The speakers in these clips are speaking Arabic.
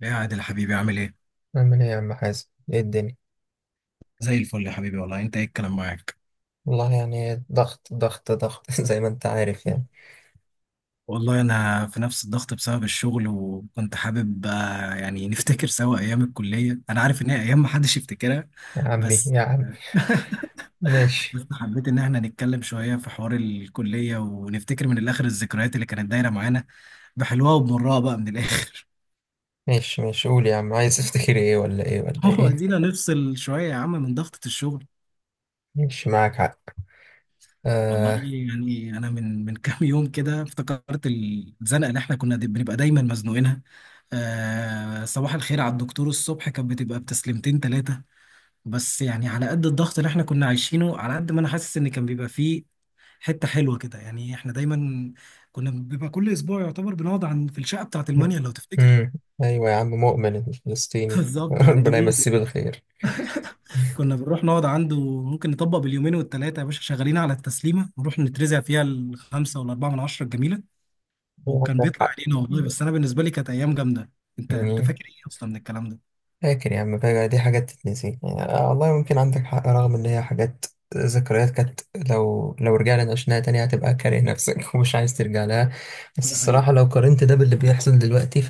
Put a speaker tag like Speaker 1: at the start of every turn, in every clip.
Speaker 1: يا عادل حبيبي، عامل ايه؟
Speaker 2: أعمل إيه يا عم حازم؟ إيه الدنيا؟
Speaker 1: زي الفل يا حبيبي، والله انت ايه الكلام معاك؟
Speaker 2: والله يعني ضغط ضغط ضغط زي ما أنت عارف يعني.
Speaker 1: والله انا في نفس الضغط بسبب الشغل، وكنت حابب يعني نفتكر سوا ايام الكلية. انا عارف ان هي ايام محدش يفتكرها،
Speaker 2: يا عمي
Speaker 1: بس
Speaker 2: يا عم. ماشي
Speaker 1: بس حبيت ان احنا نتكلم شوية في حوار الكلية ونفتكر من الاخر الذكريات اللي كانت دايرة معانا، بحلوها وبمرها بقى من الاخر.
Speaker 2: ماشي ماشي. قول يا عم، عايز تفتكر إيه ولا إيه ولا
Speaker 1: هو
Speaker 2: إيه؟
Speaker 1: ادينا نفصل شوية يا عم من ضغطة الشغل.
Speaker 2: ماشي، معاك حق.
Speaker 1: والله
Speaker 2: آه.
Speaker 1: يعني انا من كام يوم كده افتكرت الزنقه اللي احنا كنا دي بنبقى دايما مزنوقينها. آه، صباح الخير على الدكتور الصبح كانت بتبقى بتسليمتين ثلاثه، بس يعني على قد الضغط اللي احنا كنا عايشينه، على قد ما انا حاسس ان كان بيبقى فيه حته حلوه كده. يعني احنا دايما كنا بيبقى كل اسبوع يعتبر بنقعد عن في الشقه بتاعه المانيا لو تفتكر.
Speaker 2: أمم. أيوه يا عم مؤمن الفلسطيني
Speaker 1: بالظبط، عند
Speaker 2: ربنا
Speaker 1: مودك
Speaker 2: يمسيه بالخير.
Speaker 1: كنا بنروح نقعد عنده. ممكن نطبق باليومين والثلاثه يا باشا شغالين على التسليمه، نروح نترزع فيها الخمسه والاربعه من عشره الجميله. وكان
Speaker 2: عندك
Speaker 1: بيطلع
Speaker 2: حق.
Speaker 1: علينا والله، بس انا بالنسبه لي كانت ايام جامده. انت
Speaker 2: يعني
Speaker 1: فاكر ايه اصلا من الكلام ده؟
Speaker 2: فاكر يا عم، فاكر دي حاجات تتنسي يعني آه والله، ممكن عندك حق رغم ان هي حاجات ذكريات كانت. لو رجعنا نعيشناها تاني هتبقى كاره نفسك ومش عايز ترجع لها. بس
Speaker 1: ده حقيقي.
Speaker 2: الصراحة لو قارنت ده باللي بيحصل دلوقتي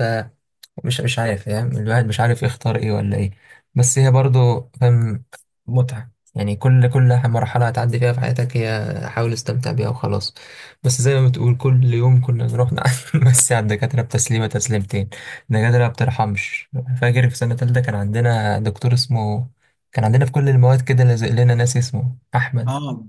Speaker 2: مش عارف فاهم، الواحد مش عارف يختار ايه ولا ايه، بس هي برضو فاهم متعة. يعني كل مرحلة هتعدي فيها في حياتك، هي حاول استمتع بيها وخلاص. بس زي ما بتقول كل يوم كنا نروح نمسي على الدكاترة بتسليمة تسليمتين، الدكاترة ما بترحمش. فاكر في سنة تالتة كان عندنا دكتور اسمه، كان عندنا في كل المواد كده لازق لنا ناس اسمه أحمد.
Speaker 1: اه،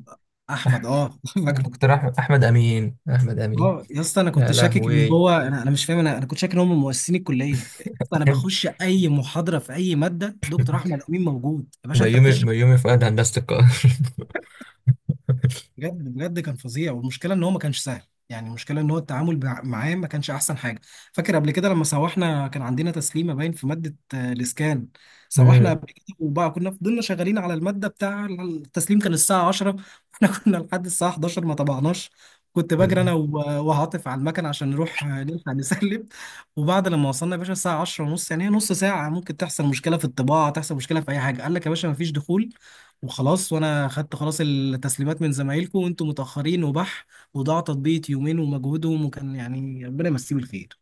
Speaker 1: احمد،
Speaker 2: أحمد.
Speaker 1: اه. فاكره.
Speaker 2: دكتور أحمد أحمد أمين، أحمد أمين.
Speaker 1: اه يا اسطى، انا كنت
Speaker 2: يا
Speaker 1: شاكك ان
Speaker 2: لهوي.
Speaker 1: هو انا مش فاهم، انا كنت شاكك ان هم مؤسسين الكليه. انا بخش اي محاضره في اي ماده دكتور احمد امين موجود، يا باشا انت
Speaker 2: بيومي
Speaker 1: بتشرح.
Speaker 2: بيومي فؤاد هندسة القاهرة.
Speaker 1: بجد بجد كان فظيع، والمشكله ان هو ما كانش سهل. يعني المشكله ان هو التعامل معاه ما كانش احسن حاجه. فاكر قبل كده لما سوحنا كان عندنا تسليمه باين في ماده، الاسكان. سوحنا قبل كده، وبقى كنا فضلنا شغالين على الماده بتاع التسليم كان الساعه 10، واحنا كنا لحد الساعه 11 ما طبعناش. كنت بجري انا
Speaker 2: م-
Speaker 1: و- وعاطف على المكن عشان نروح نلحق نسلم. وبعد لما وصلنا يا باشا الساعه 10 ونص، يعني هي نص ساعه ممكن تحصل مشكله في الطباعه، تحصل مشكله في اي حاجه، قال لك يا باشا ما فيش دخول. وخلاص، وانا خدت خلاص التسليمات من زمايلكم وانتم متاخرين وبح. وضاع تطبيق يومين ومجهودهم، وكان يعني ربنا يمسيه بالخير.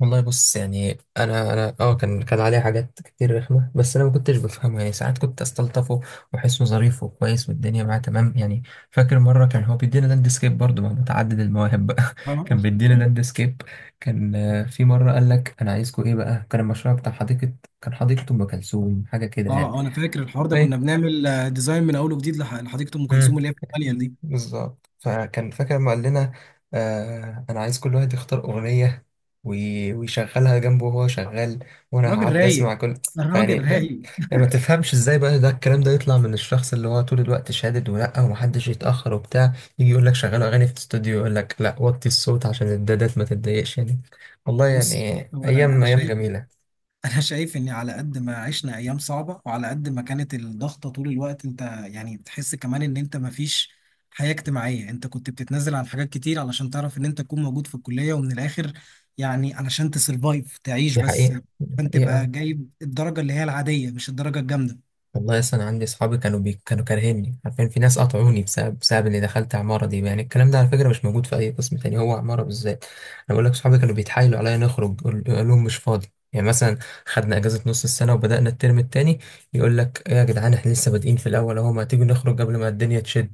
Speaker 2: والله بص، يعني انا اه كان عليه حاجات كتير رخمه، بس انا ما كنتش بفهمه، يعني ساعات كنت استلطفه واحسه ظريف وكويس والدنيا معاه تمام يعني. فاكر مره كان هو بيدينا لاندسكيب برضه مع متعدد المواهب بقى.
Speaker 1: اه
Speaker 2: كان بيدينا لاندسكيب، كان في مره قال لك انا عايزكم ايه بقى، كان المشروع بتاع حديقه، كان حديقه ام كلثوم حاجه كده يعني.
Speaker 1: انا فاكر الحوار ده، كنا بنعمل ديزاين من اول وجديد لحديقه ام كلثوم
Speaker 2: مم.
Speaker 1: اللي هي في الماليا دي.
Speaker 2: بالظبط، فكان فاكر ما قال لنا آه انا عايز كل واحد يختار اغنيه ويشغلها جنبه وهو شغال وانا
Speaker 1: راجل
Speaker 2: هعدي
Speaker 1: رايق،
Speaker 2: اسمع كل. فيعني
Speaker 1: الراجل
Speaker 2: فاهم،
Speaker 1: رايق.
Speaker 2: يعني ما تفهمش ازاي بقى ده الكلام ده يطلع من الشخص اللي هو طول الوقت شادد ولا ومحدش يتاخر وبتاع، يجي يقول لك شغلوا اغاني في الاستوديو، يقول لك لا وطي الصوت عشان الدادات ما تتضايقش يعني، والله يعني.
Speaker 1: بص، هو
Speaker 2: ايام ايام جميله.
Speaker 1: انا شايف ان على قد ما عشنا ايام صعبه، وعلى قد ما كانت الضغطه طول الوقت انت يعني بتحس كمان ان انت مفيش حياه اجتماعيه. انت كنت بتتنازل عن حاجات كتير علشان تعرف ان انت تكون موجود في الكليه، ومن الاخر يعني علشان تسرفايف تعيش.
Speaker 2: دي
Speaker 1: بس
Speaker 2: حقيقه.
Speaker 1: انت عشان تبقى
Speaker 2: حقيقه
Speaker 1: جايب الدرجه اللي هي العاديه، مش الدرجه الجامده.
Speaker 2: والله، اصلا انا عندي اصحابي كانوا كانوا كارهيني، عارفين في ناس قطعوني بسبب اني دخلت عماره دي، يعني الكلام ده على فكره مش موجود في اي قسم تاني، هو عماره بالذات. انا بقول لك اصحابي كانوا بيتحايلوا عليا نخرج، قول قول لهم مش فاضي. يعني مثلا خدنا اجازه نص السنه وبدانا الترم التاني، يقول لك ايه يا جدعان، احنا لسه بادئين في الاول اهو، ما تيجوا نخرج قبل ما الدنيا تشد؟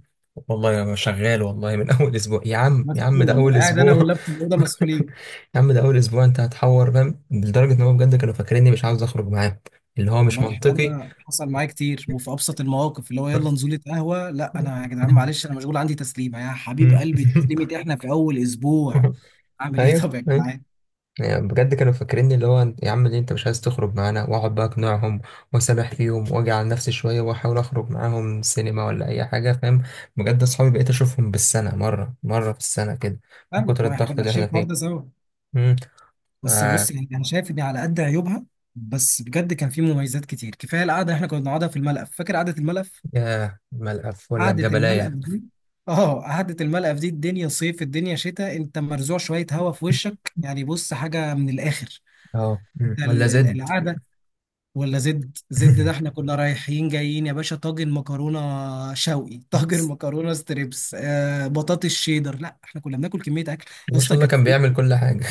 Speaker 2: والله انا شغال والله من اول اسبوع. يا عم يا عم
Speaker 1: مسحول
Speaker 2: ده اول
Speaker 1: والله، قاعد انا
Speaker 2: اسبوع.
Speaker 1: واللاب في الاوضه مسحولين.
Speaker 2: يا عم ده اول اسبوع، انت هتحور فاهم لدرجه ان هو بجد كانوا فاكريني مش عاوز اخرج معاهم، اللي هو مش
Speaker 1: والله الحوار
Speaker 2: منطقي.
Speaker 1: ده حصل معايا كتير، وفي ابسط المواقف اللي هو يلا نزوله قهوه، لا انا يا جدعان معلش، انا مشغول عندي تسليمه. يا حبيب
Speaker 2: مم.
Speaker 1: قلبي، تسليمه؟ احنا في اول اسبوع! اعمل ايه؟
Speaker 2: ايوه
Speaker 1: طب يا
Speaker 2: ايوه،
Speaker 1: جدعان.
Speaker 2: يعني بجد كانوا فاكريني اللي هو يا عم ليه انت مش عايز تخرج معانا، واقعد بقى اقنعهم واسامح فيهم واجي على نفسي شويه واحاول اخرج معاهم سينما ولا اي حاجه فاهم. بجد اصحابي بقيت اشوفهم بالسنه مره مره في السنه كده من
Speaker 1: فاهمك،
Speaker 2: كتر
Speaker 1: ما احنا
Speaker 2: الضغط
Speaker 1: كنا
Speaker 2: اللي
Speaker 1: عايشين
Speaker 2: احنا
Speaker 1: الحوار
Speaker 2: فيه.
Speaker 1: ده سوا.
Speaker 2: امم.
Speaker 1: بس بص
Speaker 2: آه.
Speaker 1: يعني انا شايف ان على قد عيوبها، بس بجد كان في مميزات كتير. كفايه القعده احنا كنا بنقعدها في الملقف. فاكر قعده الملقف؟
Speaker 2: يا ملقف ولا
Speaker 1: قعده
Speaker 2: الجبلايه؟
Speaker 1: الملقف دي، اه قعده الملقف دي، الدنيا صيف الدنيا شتاء، انت مرزوع شويه هوا في وشك، يعني بص حاجه من الاخر.
Speaker 2: اه مم.
Speaker 1: ده
Speaker 2: ولا زد.
Speaker 1: القعده. ولا زد زد، ده احنا كنا رايحين جايين يا باشا، طاجن مكرونه شوقي، طاجن مكرونه ستريبس، آه بطاطس شيدر، لا احنا كنا بناكل كميه اكل
Speaker 2: ما شاء
Speaker 1: اصلا
Speaker 2: الله
Speaker 1: كانت.
Speaker 2: كان بيعمل كل حاجه.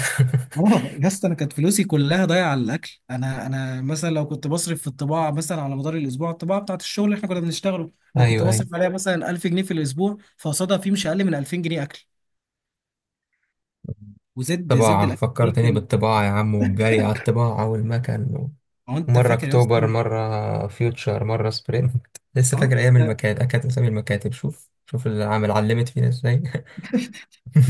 Speaker 1: اه يا اسطى، انا كانت فلوسي كلها ضايعه على الاكل. انا مثلا لو كنت بصرف في الطباعه، مثلا على مدار الاسبوع الطباعه بتاعت الشغل اللي احنا كنا بنشتغله، لو كنت
Speaker 2: ايوه ايوه،
Speaker 1: بصرف عليها مثلا 1000 جنيه في الاسبوع، فقصادها في مش اقل من 2000 جنيه اكل. وزد زد
Speaker 2: طباعة
Speaker 1: الاكل فيه
Speaker 2: فكرتني
Speaker 1: كان.
Speaker 2: بالطباعة يا عم، والجري على الطباعة والمكن،
Speaker 1: هو انت
Speaker 2: مرة
Speaker 1: فاكر يا
Speaker 2: أكتوبر
Speaker 1: اسطى؟
Speaker 2: مرة فيوتشر مرة سبرينت لسه
Speaker 1: اه
Speaker 2: فاكر أيام المكاتب، كانت أسامي المكاتب، شوف شوف العمل علمت فينا إزاي.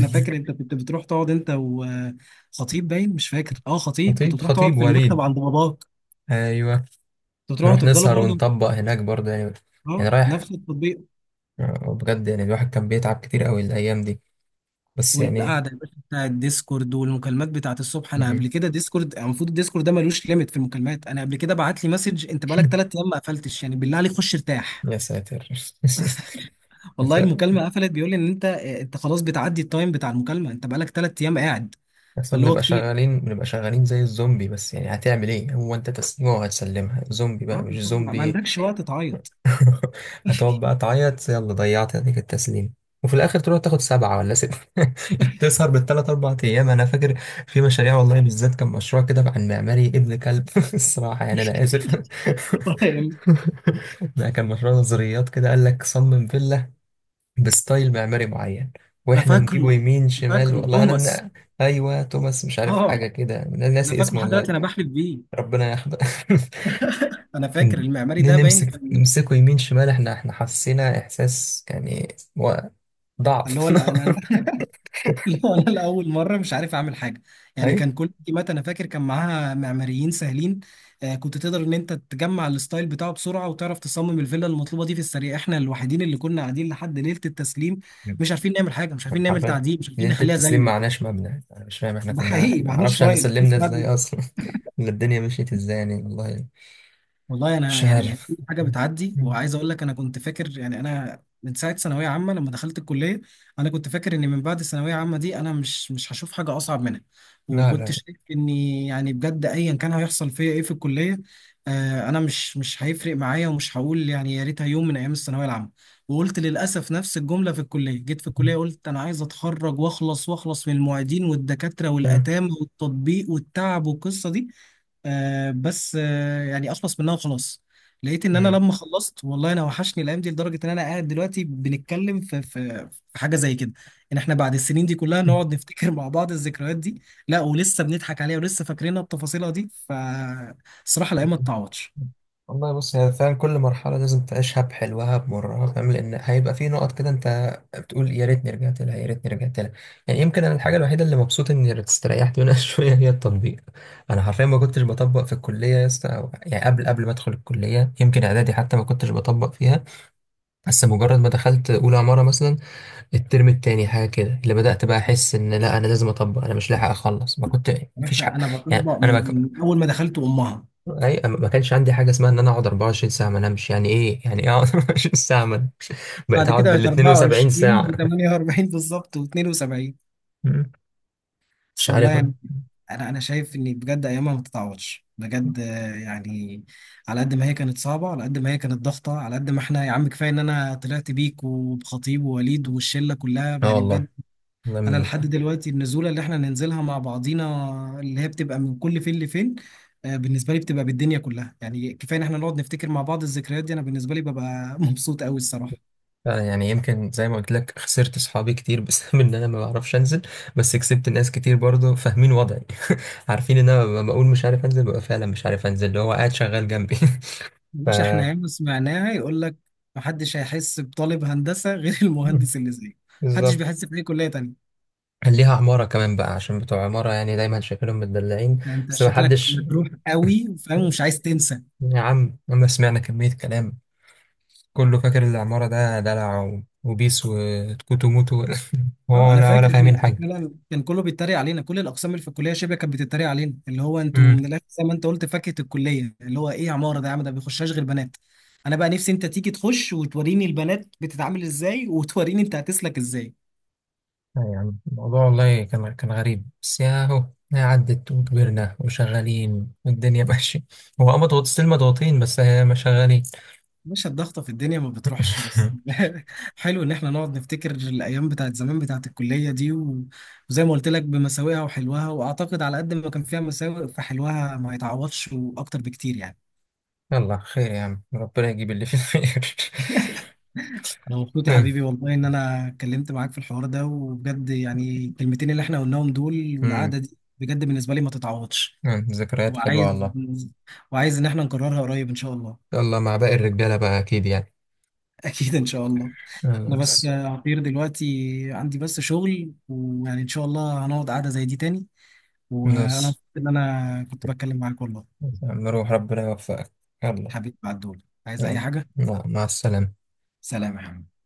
Speaker 1: انا فاكر، انت كنت بتروح تقعد انت وخطيب، باين مش فاكر، اه خطيب، كنت
Speaker 2: خطيب
Speaker 1: بتروح تقعد
Speaker 2: خطيب
Speaker 1: في المكتب
Speaker 2: وليد،
Speaker 1: عند باباك.
Speaker 2: أيوه.
Speaker 1: كنت بتروحوا
Speaker 2: نروح
Speaker 1: تفضلوا
Speaker 2: نسهر
Speaker 1: برضه،
Speaker 2: ونطبق هناك برضه يعني، يعني
Speaker 1: اه
Speaker 2: رايح،
Speaker 1: نفس التطبيق.
Speaker 2: آه، بجد يعني الواحد كان بيتعب كتير أوي الأيام دي بس يعني.
Speaker 1: والقعده يا باشا بتاع الديسكورد، والمكالمات بتاعت الصبح. انا قبل كده ديسكورد، المفروض الديسكورد ده ملوش ليميت في المكالمات. انا قبل كده بعت لي مسج: انت بقالك ثلاث ايام ما قفلتش، يعني بالله عليك خش ارتاح.
Speaker 2: يا ساتر.
Speaker 1: والله المكالمه قفلت بيقول لي ان انت خلاص بتعدي التايم بتاع المكالمه، انت بقالك ثلاث ايام قاعد.
Speaker 2: اصلا
Speaker 1: فاللي هو
Speaker 2: بنبقى
Speaker 1: كتير.
Speaker 2: شغالين بنبقى شغالين زي الزومبي، بس يعني هتعمل ايه، هو انت تسليمه وهتسلمها زومبي بقى
Speaker 1: ها،
Speaker 2: مش
Speaker 1: أنت ما
Speaker 2: زومبي؟
Speaker 1: عندكش وقت تعيط؟
Speaker 2: هتقعد بقى تعيط، يلا ضيعت هديك التسليم وفي الاخر تروح تاخد سبعة ولا ستة. تسهر بالثلاث اربع ايام، انا فاكر في مشاريع والله بالذات كان مشروع كده عن معماري ابن كلب الصراحة يعني انا اسف.
Speaker 1: فاهم؟
Speaker 2: ده كان مشروع نظريات كده قال لك صمم فيلا بستايل معماري معين،
Speaker 1: انا
Speaker 2: واحنا نجيبه
Speaker 1: فاكره
Speaker 2: يمين
Speaker 1: أنا
Speaker 2: شمال
Speaker 1: فاكره
Speaker 2: والله
Speaker 1: توماس.
Speaker 2: انا. ايوه توماس مش عارف
Speaker 1: اه
Speaker 2: حاجه كده، انا
Speaker 1: انا
Speaker 2: ناسي
Speaker 1: فاكره
Speaker 2: اسمه
Speaker 1: لحد
Speaker 2: والله.
Speaker 1: دلوقتي، انا بحلف بيه.
Speaker 2: ربنا يحفظه.
Speaker 1: انا فاكر
Speaker 2: ن-
Speaker 1: المعماري ده باين
Speaker 2: نمسك
Speaker 1: كان
Speaker 2: نمسكه يمين شمال، احنا حسينا احساس يعني
Speaker 1: اللي هو
Speaker 2: ضعف.
Speaker 1: انا. لا انا لاول مره مش عارف اعمل حاجه، يعني
Speaker 2: ايوه
Speaker 1: كان كل التيمات انا فاكر كان معاها معماريين سهلين. كنت تقدر ان انت تجمع الستايل بتاعه بسرعه، وتعرف تصمم الفيلا المطلوبه دي في السريع. احنا الوحيدين اللي كنا قاعدين لحد ليله التسليم مش عارفين نعمل حاجه، مش عارفين نعمل
Speaker 2: حرفيا،
Speaker 1: تعديل، مش عارفين
Speaker 2: ليله
Speaker 1: نخليها
Speaker 2: التسليم
Speaker 1: زيه.
Speaker 2: معناش مبنى، انا مش فاهم احنا
Speaker 1: ده
Speaker 2: كنا،
Speaker 1: حقيقي،
Speaker 2: احنا
Speaker 1: ما
Speaker 2: ما
Speaker 1: احناش
Speaker 2: اعرفش احنا
Speaker 1: فايل،
Speaker 2: سلمنا
Speaker 1: مفيش.
Speaker 2: ازاي اصلا. ولا الدنيا مشيت ازاي يعني والله،
Speaker 1: والله انا
Speaker 2: مش
Speaker 1: يعني كل
Speaker 2: عارف.
Speaker 1: حاجه بتعدي، وعايز اقول لك انا كنت فاكر يعني انا من ساعه ثانويه عامه لما دخلت الكليه، انا كنت فاكر ان من بعد الثانويه عامه دي انا مش هشوف حاجه اصعب منها،
Speaker 2: لا
Speaker 1: وكنت
Speaker 2: لا.
Speaker 1: شايف اني يعني بجد ايا كان هيحصل فيا ايه في الكليه، انا مش هيفرق معايا، ومش هقول يعني يا ريتها يوم من ايام الثانويه العامه. وقلت للاسف نفس الجمله في الكليه، جيت في الكليه قلت انا عايز اتخرج واخلص، واخلص من المعيدين والدكاتره
Speaker 2: مم.
Speaker 1: والاتام والتطبيق والتعب والقصه دي. بس يعني اخلص منها وخلاص. لقيت ان انا
Speaker 2: مم.
Speaker 1: لما خلصت والله انا وحشني الايام دي، لدرجه ان انا قاعد دلوقتي بنتكلم في حاجه زي كده، ان احنا بعد السنين دي كلها نقعد نفتكر مع بعض الذكريات دي، لا ولسه بنضحك عليها، ولسه فاكرينها بتفاصيلها دي. فالصراحه الايام ما تتعوضش.
Speaker 2: والله بص هي فعلا كل مرحلة لازم تعيشها بحلوها بمرها فاهم، لأن هيبقى في نقط كده أنت بتقول يا ريتني رجعت لها يا ريتني رجعت لها. يعني يمكن أنا الحاجة الوحيدة اللي مبسوط إني استريحت منها شوية هي التطبيق، أنا حرفيا ما كنتش بطبق في الكلية يا اسطى يعني قبل ما أدخل الكلية، يمكن إعدادي حتى ما كنتش بطبق فيها. بس مجرد ما دخلت أولى عمارة مثلا الترم التاني حاجة كده اللي بدأت بقى أحس إن لا أنا لازم أطبق، أنا مش لاحق أخلص ما كنت.
Speaker 1: يعني
Speaker 2: مفيش حق،
Speaker 1: احنا انا
Speaker 2: يعني
Speaker 1: بطبق
Speaker 2: أنا
Speaker 1: من اول ما دخلت امها،
Speaker 2: اي ما كانش عندي حاجه اسمها ان انا اقعد 24 ساعه ما انامش، يعني ايه يعني ايه اقعد 24 ساعه ما أنام؟ بقيت
Speaker 1: بعد
Speaker 2: اقعد
Speaker 1: كده
Speaker 2: بال
Speaker 1: بقت
Speaker 2: 72
Speaker 1: 24
Speaker 2: ساعه.
Speaker 1: و48 بالظبط و72.
Speaker 2: مم.
Speaker 1: بس
Speaker 2: مش
Speaker 1: والله
Speaker 2: عارف.
Speaker 1: يعني انا شايف ان بجد ايامها ما تتعوضش بجد، يعني على قد ما هي كانت صعبه، على قد ما هي كانت ضغطه، على قد ما احنا يا عم كفايه ان انا طلعت بيك وبخطيب ووليد والشله كلها
Speaker 2: اه
Speaker 1: يعني
Speaker 2: والله
Speaker 1: بجد.
Speaker 2: ده
Speaker 1: انا
Speaker 2: من الح...
Speaker 1: لحد دلوقتي النزوله اللي احنا ننزلها مع بعضينا، اللي هي بتبقى من كل فين لفين، بالنسبه لي بتبقى بالدنيا كلها. يعني كفايه ان احنا نقعد نفتكر مع بعض الذكريات دي. انا بالنسبه لي ببقى مبسوط قوي الصراحه.
Speaker 2: فعلا يعني يمكن زي ما قلت لك خسرت صحابي كتير بسبب ان انا ما بعرفش انزل، بس كسبت ناس كتير برضه فاهمين وضعي. عارفين ان انا لما بقول مش عارف انزل ببقى فعلا مش عارف انزل، اللي هو قاعد شغال جنبي. ف
Speaker 1: مش احنا ياما سمعناها يقول لك محدش هيحس بطالب هندسة غير
Speaker 2: مم.
Speaker 1: المهندس اللي زيه، محدش
Speaker 2: بالظبط.
Speaker 1: بيحس بأي كلية تانية.
Speaker 2: كان ليها عمارة كمان بقى عشان بتوع عمارة يعني دايما شايفينهم متدلعين،
Speaker 1: أنت
Speaker 2: بس ما
Speaker 1: شكلك
Speaker 2: حدش،
Speaker 1: مجروح قوي فاهم، ومش عايز تنسى.
Speaker 2: يا عم لما سمعنا كمية كلام، كله فاكر العمارة ده دلع وبيس وتكوتو موتو هو
Speaker 1: اه انا
Speaker 2: ولا ولا
Speaker 1: فاكر احنا،
Speaker 2: فاهمين حاجة.
Speaker 1: فعلا كان كله بيتريق علينا، كل الاقسام اللي في الكليه شبه كانت بتتريق علينا، اللي هو انتوا
Speaker 2: امم.
Speaker 1: من الاخر زي ما انت قلت فاكهه الكليه، اللي هو ايه يا عماره ده، يا عم ده ما بيخشهاش غير بنات. انا بقى نفسي انت تيجي تخش وتوريني البنات بتتعامل ازاي، وتوريني انت هتسلك ازاي.
Speaker 2: يا عم الموضوع والله كان كان غريب بس يا هو، يا عدت وكبرنا وشغالين والدنيا ماشية، هو اه مضغوط ستيل مضغوطين بس هي ما شغالين.
Speaker 1: مش الضغطة في الدنيا ما بتروحش بس. حلو إن إحنا نقعد نفتكر الأيام بتاعت زمان بتاعت الكلية دي، و- وزي ما قلت لك بمساوئها وحلوها، وأعتقد على قد ما كان فيها مساوئ فحلوها ما يتعوضش وأكتر بكتير يعني.
Speaker 2: يلا خير يا عم ربنا يجيب اللي فيه الخير.
Speaker 1: أنا مبسوط يا
Speaker 2: أمم،
Speaker 1: حبيبي والله إن أنا اتكلمت معاك في الحوار ده، وبجد يعني الكلمتين اللي إحنا قلناهم دول
Speaker 2: أمم،
Speaker 1: والقعدة دي بجد بالنسبة لي ما تتعوضش،
Speaker 2: أمم، ذكريات حلوة
Speaker 1: وعايز
Speaker 2: والله.
Speaker 1: وعايز إن إحنا نكررها قريب إن شاء الله.
Speaker 2: يلا مع باقي الرجالة بقى أكيد يعني.
Speaker 1: أكيد إن شاء الله. انا بس يا
Speaker 2: خلاص.
Speaker 1: عبير دلوقتي عندي بس شغل، ويعني ان شاء الله هنقعد قعدة زي دي تاني. وانا
Speaker 2: خلاص
Speaker 1: مبسوط ان انا كنت بتكلم معاك والله.
Speaker 2: نروح ربنا يوفقك. يلا.
Speaker 1: حبيبي بعد دول عايز اي
Speaker 2: يلا
Speaker 1: حاجة؟
Speaker 2: مع السلامة.
Speaker 1: سلام يا حبيبي.